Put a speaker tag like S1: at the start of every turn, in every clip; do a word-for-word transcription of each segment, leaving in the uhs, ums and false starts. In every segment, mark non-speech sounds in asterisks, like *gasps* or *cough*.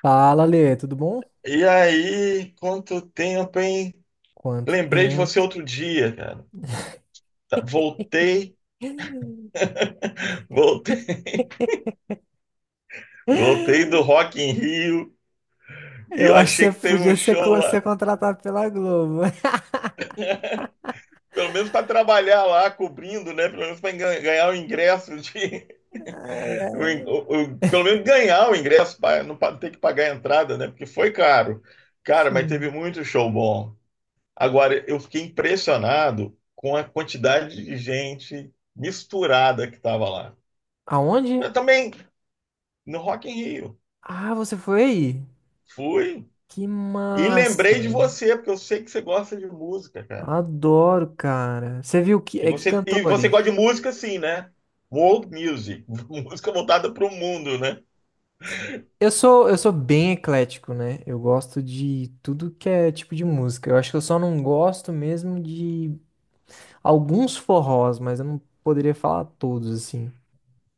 S1: Fala, Lê, tudo bom?
S2: E aí, quanto tempo, hein?
S1: Quanto
S2: Lembrei de você
S1: tempo?
S2: outro dia, cara. Tá- Voltei,
S1: *laughs*
S2: *laughs* voltei, voltei do Rock in Rio e
S1: Eu
S2: eu
S1: acho que
S2: achei
S1: você
S2: que teve um
S1: podia ser,
S2: show
S1: co-
S2: lá.
S1: ser contratado pela Globo. *laughs*
S2: *laughs* Pelo menos para trabalhar lá, cobrindo, né? Pelo menos para ganhar o ingresso de, *laughs* o in- o- o- pelo menos ganhar o ingresso para não pa- ter que pagar a entrada, né? Porque foi caro. Cara, mas teve muito show bom. Agora, eu fiquei impressionado com a quantidade de gente misturada que estava lá.
S1: Aonde?
S2: Eu também, no Rock in Rio,
S1: Ah, você foi aí?
S2: fui
S1: Que
S2: e lembrei de
S1: massa!
S2: você, porque eu sei que você gosta de música, cara.
S1: Adoro, cara. Você viu que
S2: E
S1: é que
S2: você, e você
S1: cantores?
S2: gosta de música, sim, né? World music, *laughs* música voltada para o mundo, né?
S1: Eu sou eu sou bem eclético, né? Eu gosto de tudo que é tipo de música. Eu acho que eu só não gosto mesmo de alguns forrós, mas eu não poderia falar todos assim.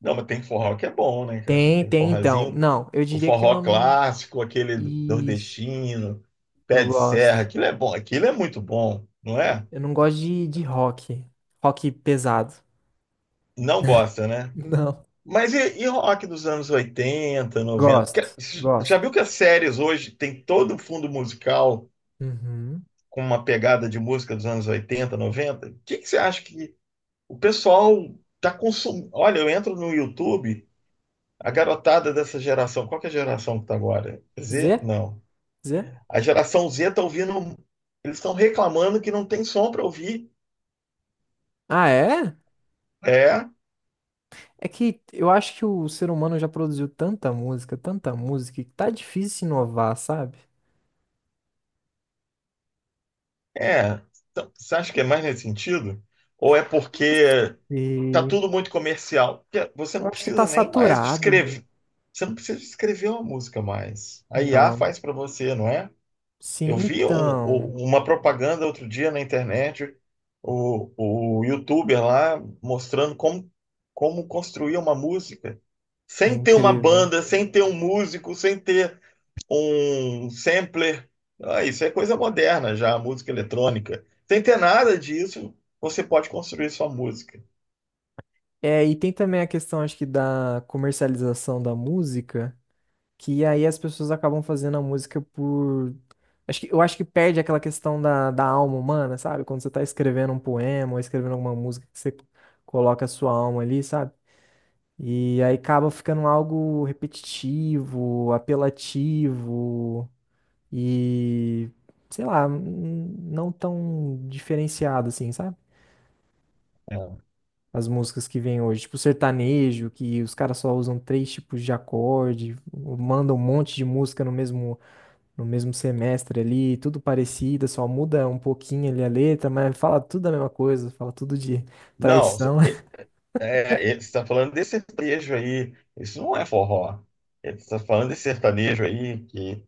S2: Não, mas tem forró que é bom, né, cara?
S1: Tem,
S2: Tem
S1: tem então.
S2: forrozinho,
S1: Não, eu
S2: o
S1: diria que eu.
S2: forró
S1: não-
S2: clássico, aquele do-
S1: Isso,
S2: nordestino, pé
S1: eu
S2: de serra,
S1: gosto.
S2: aquilo é bom, aquilo é muito bom, não é?
S1: Eu não gosto de, de rock. Rock pesado. *laughs*
S2: Não gosta, né?
S1: Não.
S2: Mas e, e rock dos anos oitenta, noventa?
S1: Gosto,
S2: Porque já
S1: gosto.
S2: viu que as séries hoje tem todo o fundo musical
S1: Uhum.
S2: com uma pegada de música dos anos oitenta, noventa? O que que você acha que o pessoal está consumindo? Olha, eu entro no YouTube, a garotada dessa geração, qual que é a geração que está agora? Z?
S1: Zé?
S2: Não.
S1: Zé?
S2: A geração Z está ouvindo, eles estão reclamando que não tem som para ouvir.
S1: Ah, é?
S2: É,
S1: É que eu acho que o ser humano já produziu tanta música, tanta música, que tá difícil inovar, sabe?
S2: é. Então, você acha que é mais nesse sentido? Ou é porque tá
S1: E
S2: tudo muito comercial. Você
S1: eu
S2: não
S1: acho que tá
S2: precisa nem mais de
S1: saturado.
S2: escrever. Você não precisa de escrever uma música mais. A I A
S1: Não.
S2: faz para você, não é? Eu
S1: Sim,
S2: vi um-
S1: então.
S2: um- uma propaganda outro dia na internet, o, o YouTuber lá mostrando como, como construir uma música.
S1: É
S2: Sem ter uma
S1: incrível.
S2: banda, sem ter um músico, sem ter um sampler. Ah, isso é coisa moderna já, música eletrônica. Sem ter nada disso, você pode construir sua música.
S1: É, e tem também a questão, acho que, da comercialização da música. Que aí as pessoas acabam fazendo a música por. Acho que, eu acho que perde aquela questão da, da alma humana, sabe? Quando você tá escrevendo um poema ou escrevendo alguma música que você coloca a sua alma ali, sabe? E aí acaba ficando algo repetitivo, apelativo e, sei lá, n- não tão diferenciado assim, sabe? As músicas que vêm hoje, tipo sertanejo, que os caras só usam três tipos de acorde, mandam um monte de música no mesmo no mesmo semestre ali, tudo parecido, só muda um pouquinho ali a letra, mas fala tudo a mesma coisa, fala tudo de
S2: Não,
S1: traição. *laughs*
S2: é, ele está falando desse sertanejo aí. Isso não é forró. Ele está falando desse sertanejo aí, que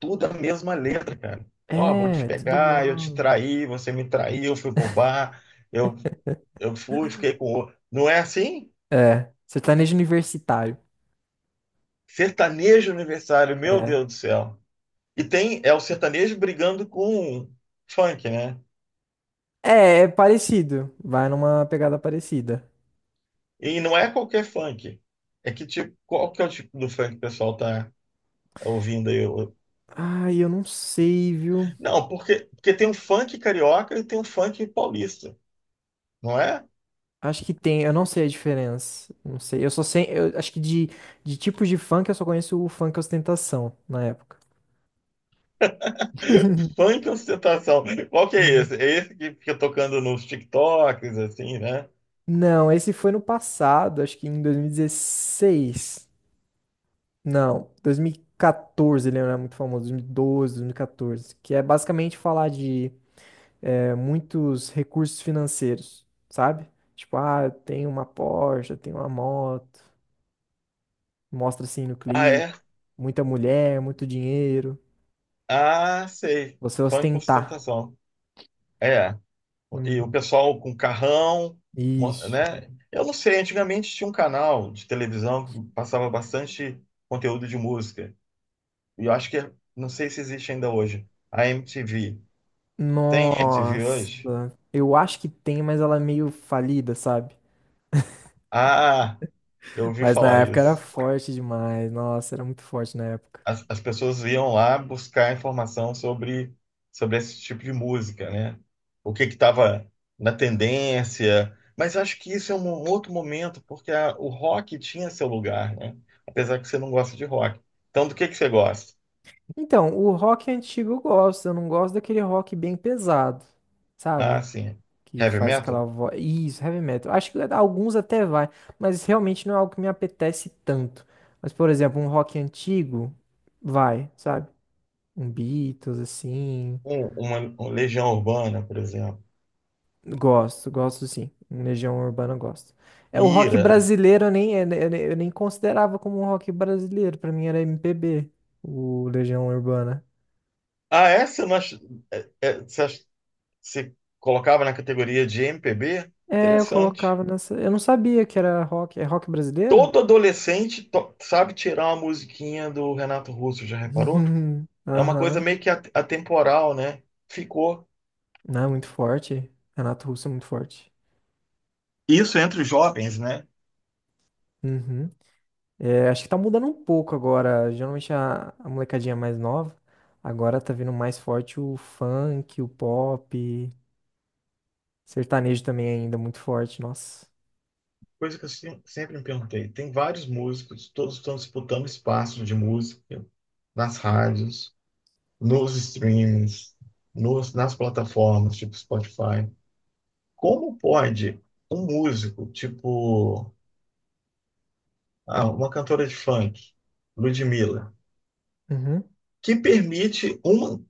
S2: tudo é a mesma letra, cara. Ó, vou te
S1: É, tudo
S2: pegar, eu te
S1: igual.
S2: traí, você me traiu, eu fui pro bar, eu, eu fui, fiquei com o outro. Não é assim?
S1: É, sertanejo universitário.
S2: Sertanejo aniversário, meu
S1: É.
S2: Deus do céu. E tem, é o sertanejo brigando com funk, né?
S1: É, é parecido. Vai numa pegada parecida.
S2: E não é qualquer funk. É que tipo, qual que é o tipo do funk que o pessoal tá ouvindo aí.
S1: Ai, eu não sei, viu?
S2: Não, porque, porque tem um funk carioca e tem um funk paulista, não é?
S1: Acho que tem, eu não sei a diferença. Não sei. Eu só sei, eu acho que de, de tipos de funk eu só conheço o funk ostentação na época.
S2: *laughs*
S1: *laughs*
S2: Funk ostentação. Qual que é
S1: Uhum.
S2: esse? É esse que fica tocando nos TikToks, assim, né?
S1: Não, esse foi no passado, acho que em dois mil e dezesseis. Não, dois mil e quatorze ele era muito famoso, dois mil e doze, dois mil e quatorze, que é basicamente falar de é, muitos recursos financeiros, sabe? Tipo, ah, eu tenho uma Porsche, eu tenho uma moto, mostra assim no
S2: Ah,
S1: clipe,
S2: é?
S1: muita mulher, muito dinheiro,
S2: Ah, sei.
S1: você
S2: Funk
S1: ostentar.
S2: ostentação. É. E o
S1: Uhum.
S2: pessoal com carrão, mo-
S1: Isso.
S2: né? Eu não sei, antigamente tinha um canal de televisão que passava bastante conteúdo de música. E eu acho que, é, não sei se existe ainda hoje. A M T V. Tem M T V
S1: Nossa,
S2: hoje?
S1: eu acho que tem, mas ela é meio falida, sabe?
S2: Ah! Eu ouvi
S1: Mas na
S2: falar
S1: época era
S2: isso.
S1: forte demais, nossa, era muito forte na época.
S2: As, as pessoas iam lá buscar informação sobre, sobre esse tipo de música, né? O que que estava na tendência. Mas acho que isso é um outro momento, porque a- o rock tinha seu lugar, né? Apesar que você não gosta de rock. Então, do que que você gosta?
S1: Então, o rock antigo eu gosto, eu não gosto daquele rock bem pesado,
S2: Ah,
S1: sabe?
S2: sim.
S1: Que
S2: Heavy
S1: faz aquela
S2: metal?
S1: voz. Isso, heavy metal. Acho que alguns até vai, mas realmente não é algo que me apetece tanto. Mas, por exemplo, um rock antigo vai, sabe? Um Beatles, assim.
S2: Um, uma, uma Legião Urbana, por exemplo.
S1: Gosto, gosto sim. Um Legião Urbana eu gosto. É, o rock
S2: Ira.
S1: brasileiro eu nem, eu nem eu nem considerava como um rock brasileiro, pra mim era M P B, o Legião Urbana.
S2: Ah, essa nós, é, é, você ach- você colocava na categoria de M P B?
S1: É, eu
S2: Interessante.
S1: colocava nessa. Eu não sabia que era rock. É rock brasileiro?
S2: Todo adolescente to- sabe tirar uma musiquinha do Renato Russo, já reparou?
S1: *laughs*
S2: É uma coisa
S1: Aham.
S2: meio que at- atemporal, né? Ficou.
S1: Não, muito forte. Renato Russo é muito forte.
S2: Isso entre os jovens, né?
S1: Uhum. É, acho que tá mudando um pouco agora. Geralmente a, a molecadinha mais nova. Agora tá vindo mais forte o funk, o pop. Sertanejo também ainda muito forte, nossa.
S2: Coisa que eu se- sempre me perguntei. Tem vários músicos, todos estão disputando espaço de música nas rádios, nos streams, nos, nas plataformas, tipo Spotify. Como pode um músico, tipo, ah, uma cantora de funk, Ludmilla,
S1: Uhum.
S2: que permite uma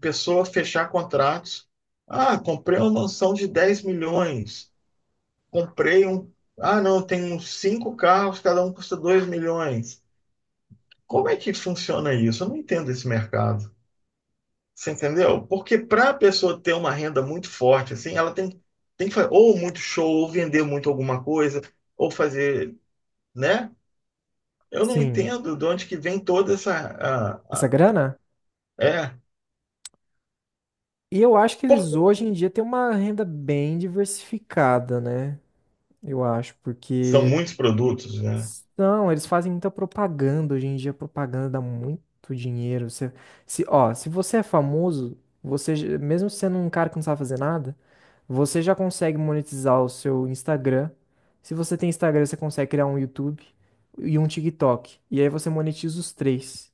S2: pessoa fechar contratos. Ah, comprei uma mansão de dez milhões. Comprei um. Ah, não, tem uns cinco carros, cada um custa dois milhões. Como é que funciona isso? Eu não entendo esse mercado. Você entendeu? Porque para a pessoa ter uma renda muito forte, assim, ela tem, tem que fazer ou muito show, ou vender muito alguma coisa, ou fazer, né? Eu não
S1: Sim.
S2: entendo de onde que vem toda essa. a-
S1: Essa
S2: a-
S1: grana?
S2: é.
S1: E eu acho que
S2: Por-
S1: eles hoje em dia têm uma renda bem diversificada, né? Eu acho,
S2: São
S1: porque
S2: muitos produtos, né?
S1: não, eles fazem muita propaganda. Hoje em dia, propaganda dá muito dinheiro. Você, se, ó, se você é famoso, você, já- mesmo sendo um cara que não sabe fazer nada, você já consegue monetizar o seu Instagram. Se você tem Instagram, você consegue criar um YouTube e um TikTok. E aí você monetiza os três,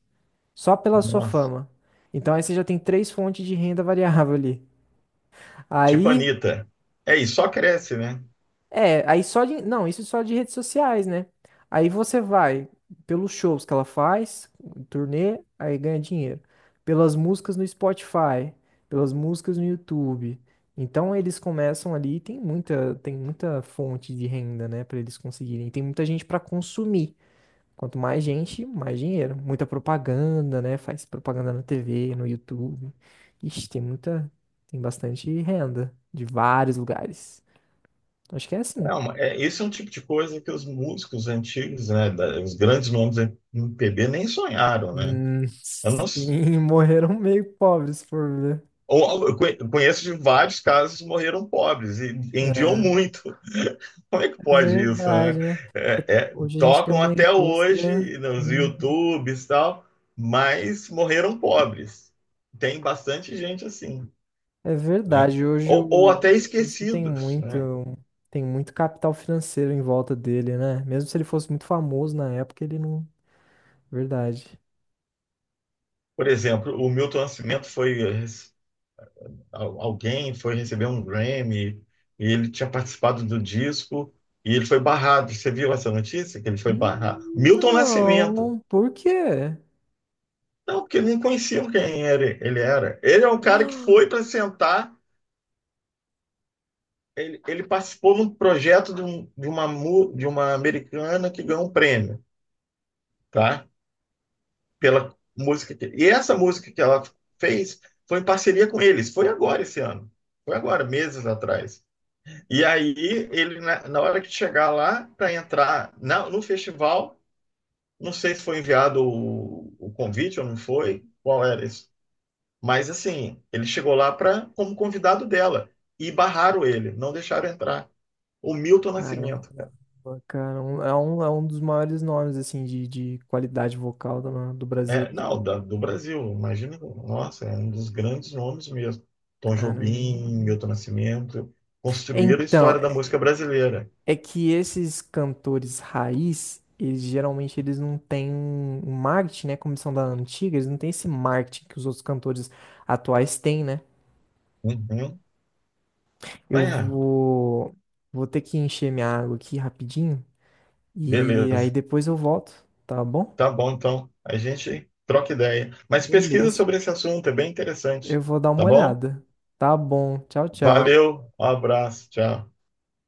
S1: só pela sua
S2: Nossa.
S1: fama. Então aí você já tem três fontes de renda variável ali.
S2: Tipo
S1: Aí
S2: Anitta. É, e só cresce, né?
S1: é, aí só de. Não, isso só de redes sociais, né? Aí você vai pelos shows que ela faz, turnê, aí ganha dinheiro. Pelas músicas no Spotify, pelas músicas no YouTube. Então eles começam ali, e tem muita, tem muita fonte de renda, né, pra eles conseguirem. Tem muita gente pra consumir. Quanto mais gente, mais dinheiro. Muita propaganda, né? Faz propaganda na tê vê, no YouTube. Ixi, tem muita, tem bastante renda de vários lugares. Acho que é assim.
S2: É uma, é, esse é um tipo de coisa que os músicos antigos, né, da- os grandes nomes do M P B nem sonharam, né?
S1: Hum,
S2: Eu não, s-
S1: sim, *laughs* morreram meio pobres, por ver.
S2: ou- eu conhe- eu conheço de vários casos que morreram pobres e vendiam
S1: É,
S2: muito. *laughs* Como é que
S1: é
S2: pode isso, né?
S1: verdade, né?
S2: É, é,
S1: Hoje a gente tem
S2: tocam
S1: uma
S2: até
S1: indústria.
S2: hoje nos
S1: Hum,
S2: YouTubes e tal, mas morreram pobres. Tem bastante gente assim,
S1: é
S2: né?
S1: verdade. Hoje
S2: Ou, ou
S1: o
S2: até
S1: músico tem
S2: esquecidos,
S1: muito,
S2: né?
S1: tem muito capital financeiro em volta dele, né? Mesmo se ele fosse muito famoso na época, ele não. Verdade.
S2: Por exemplo, o Milton Nascimento foi al- alguém foi receber um Grammy e ele tinha participado do disco e ele foi barrado. Você viu essa notícia que ele foi barrado?
S1: Hum,
S2: Milton Nascimento.
S1: Não, por quê?
S2: Não, porque nem conheciam quem era, ele era. Ele é um cara que foi
S1: *gasps*
S2: para sentar. Ele, ele participou num projeto de, um- de uma, mu- de uma americana que ganhou um prêmio, tá? Pela música que, e essa música que ela fez foi em parceria com eles. Foi agora esse ano. Foi agora, meses atrás. E aí, ele, na, na hora que chegar lá, para entrar na- no festival, não sei se foi enviado o, o convite ou não foi, qual era isso. Mas assim, ele chegou lá pra, como convidado dela e barraram ele, não deixaram entrar. O Milton Nascimento, cara.
S1: Caramba, cara, um- é um, é um dos maiores nomes assim de, de qualidade vocal do, do Brasil.
S2: É, não, da- do Brasil, imagina, nossa, é um dos grandes nomes mesmo. Tom Jobim,
S1: Caramba.
S2: Milton Nascimento, construíram a
S1: Então,
S2: história da música brasileira.
S1: é que esses cantores raiz, eles geralmente eles não têm um um marketing, né? Como são da antiga, eles não têm esse marketing que os outros cantores atuais têm, né?
S2: Uhum. Ah,
S1: Eu
S2: é,
S1: vou, vou ter que encher minha água aqui rapidinho e aí
S2: beleza.
S1: depois eu volto, tá bom?
S2: Tá bom, então. A gente troca ideia. Mas pesquisa
S1: Beleza.
S2: sobre esse assunto, é bem interessante.
S1: Eu vou dar uma
S2: Tá bom?
S1: olhada. Tá bom. Tchau, tchau.
S2: Valeu, um abraço, tchau.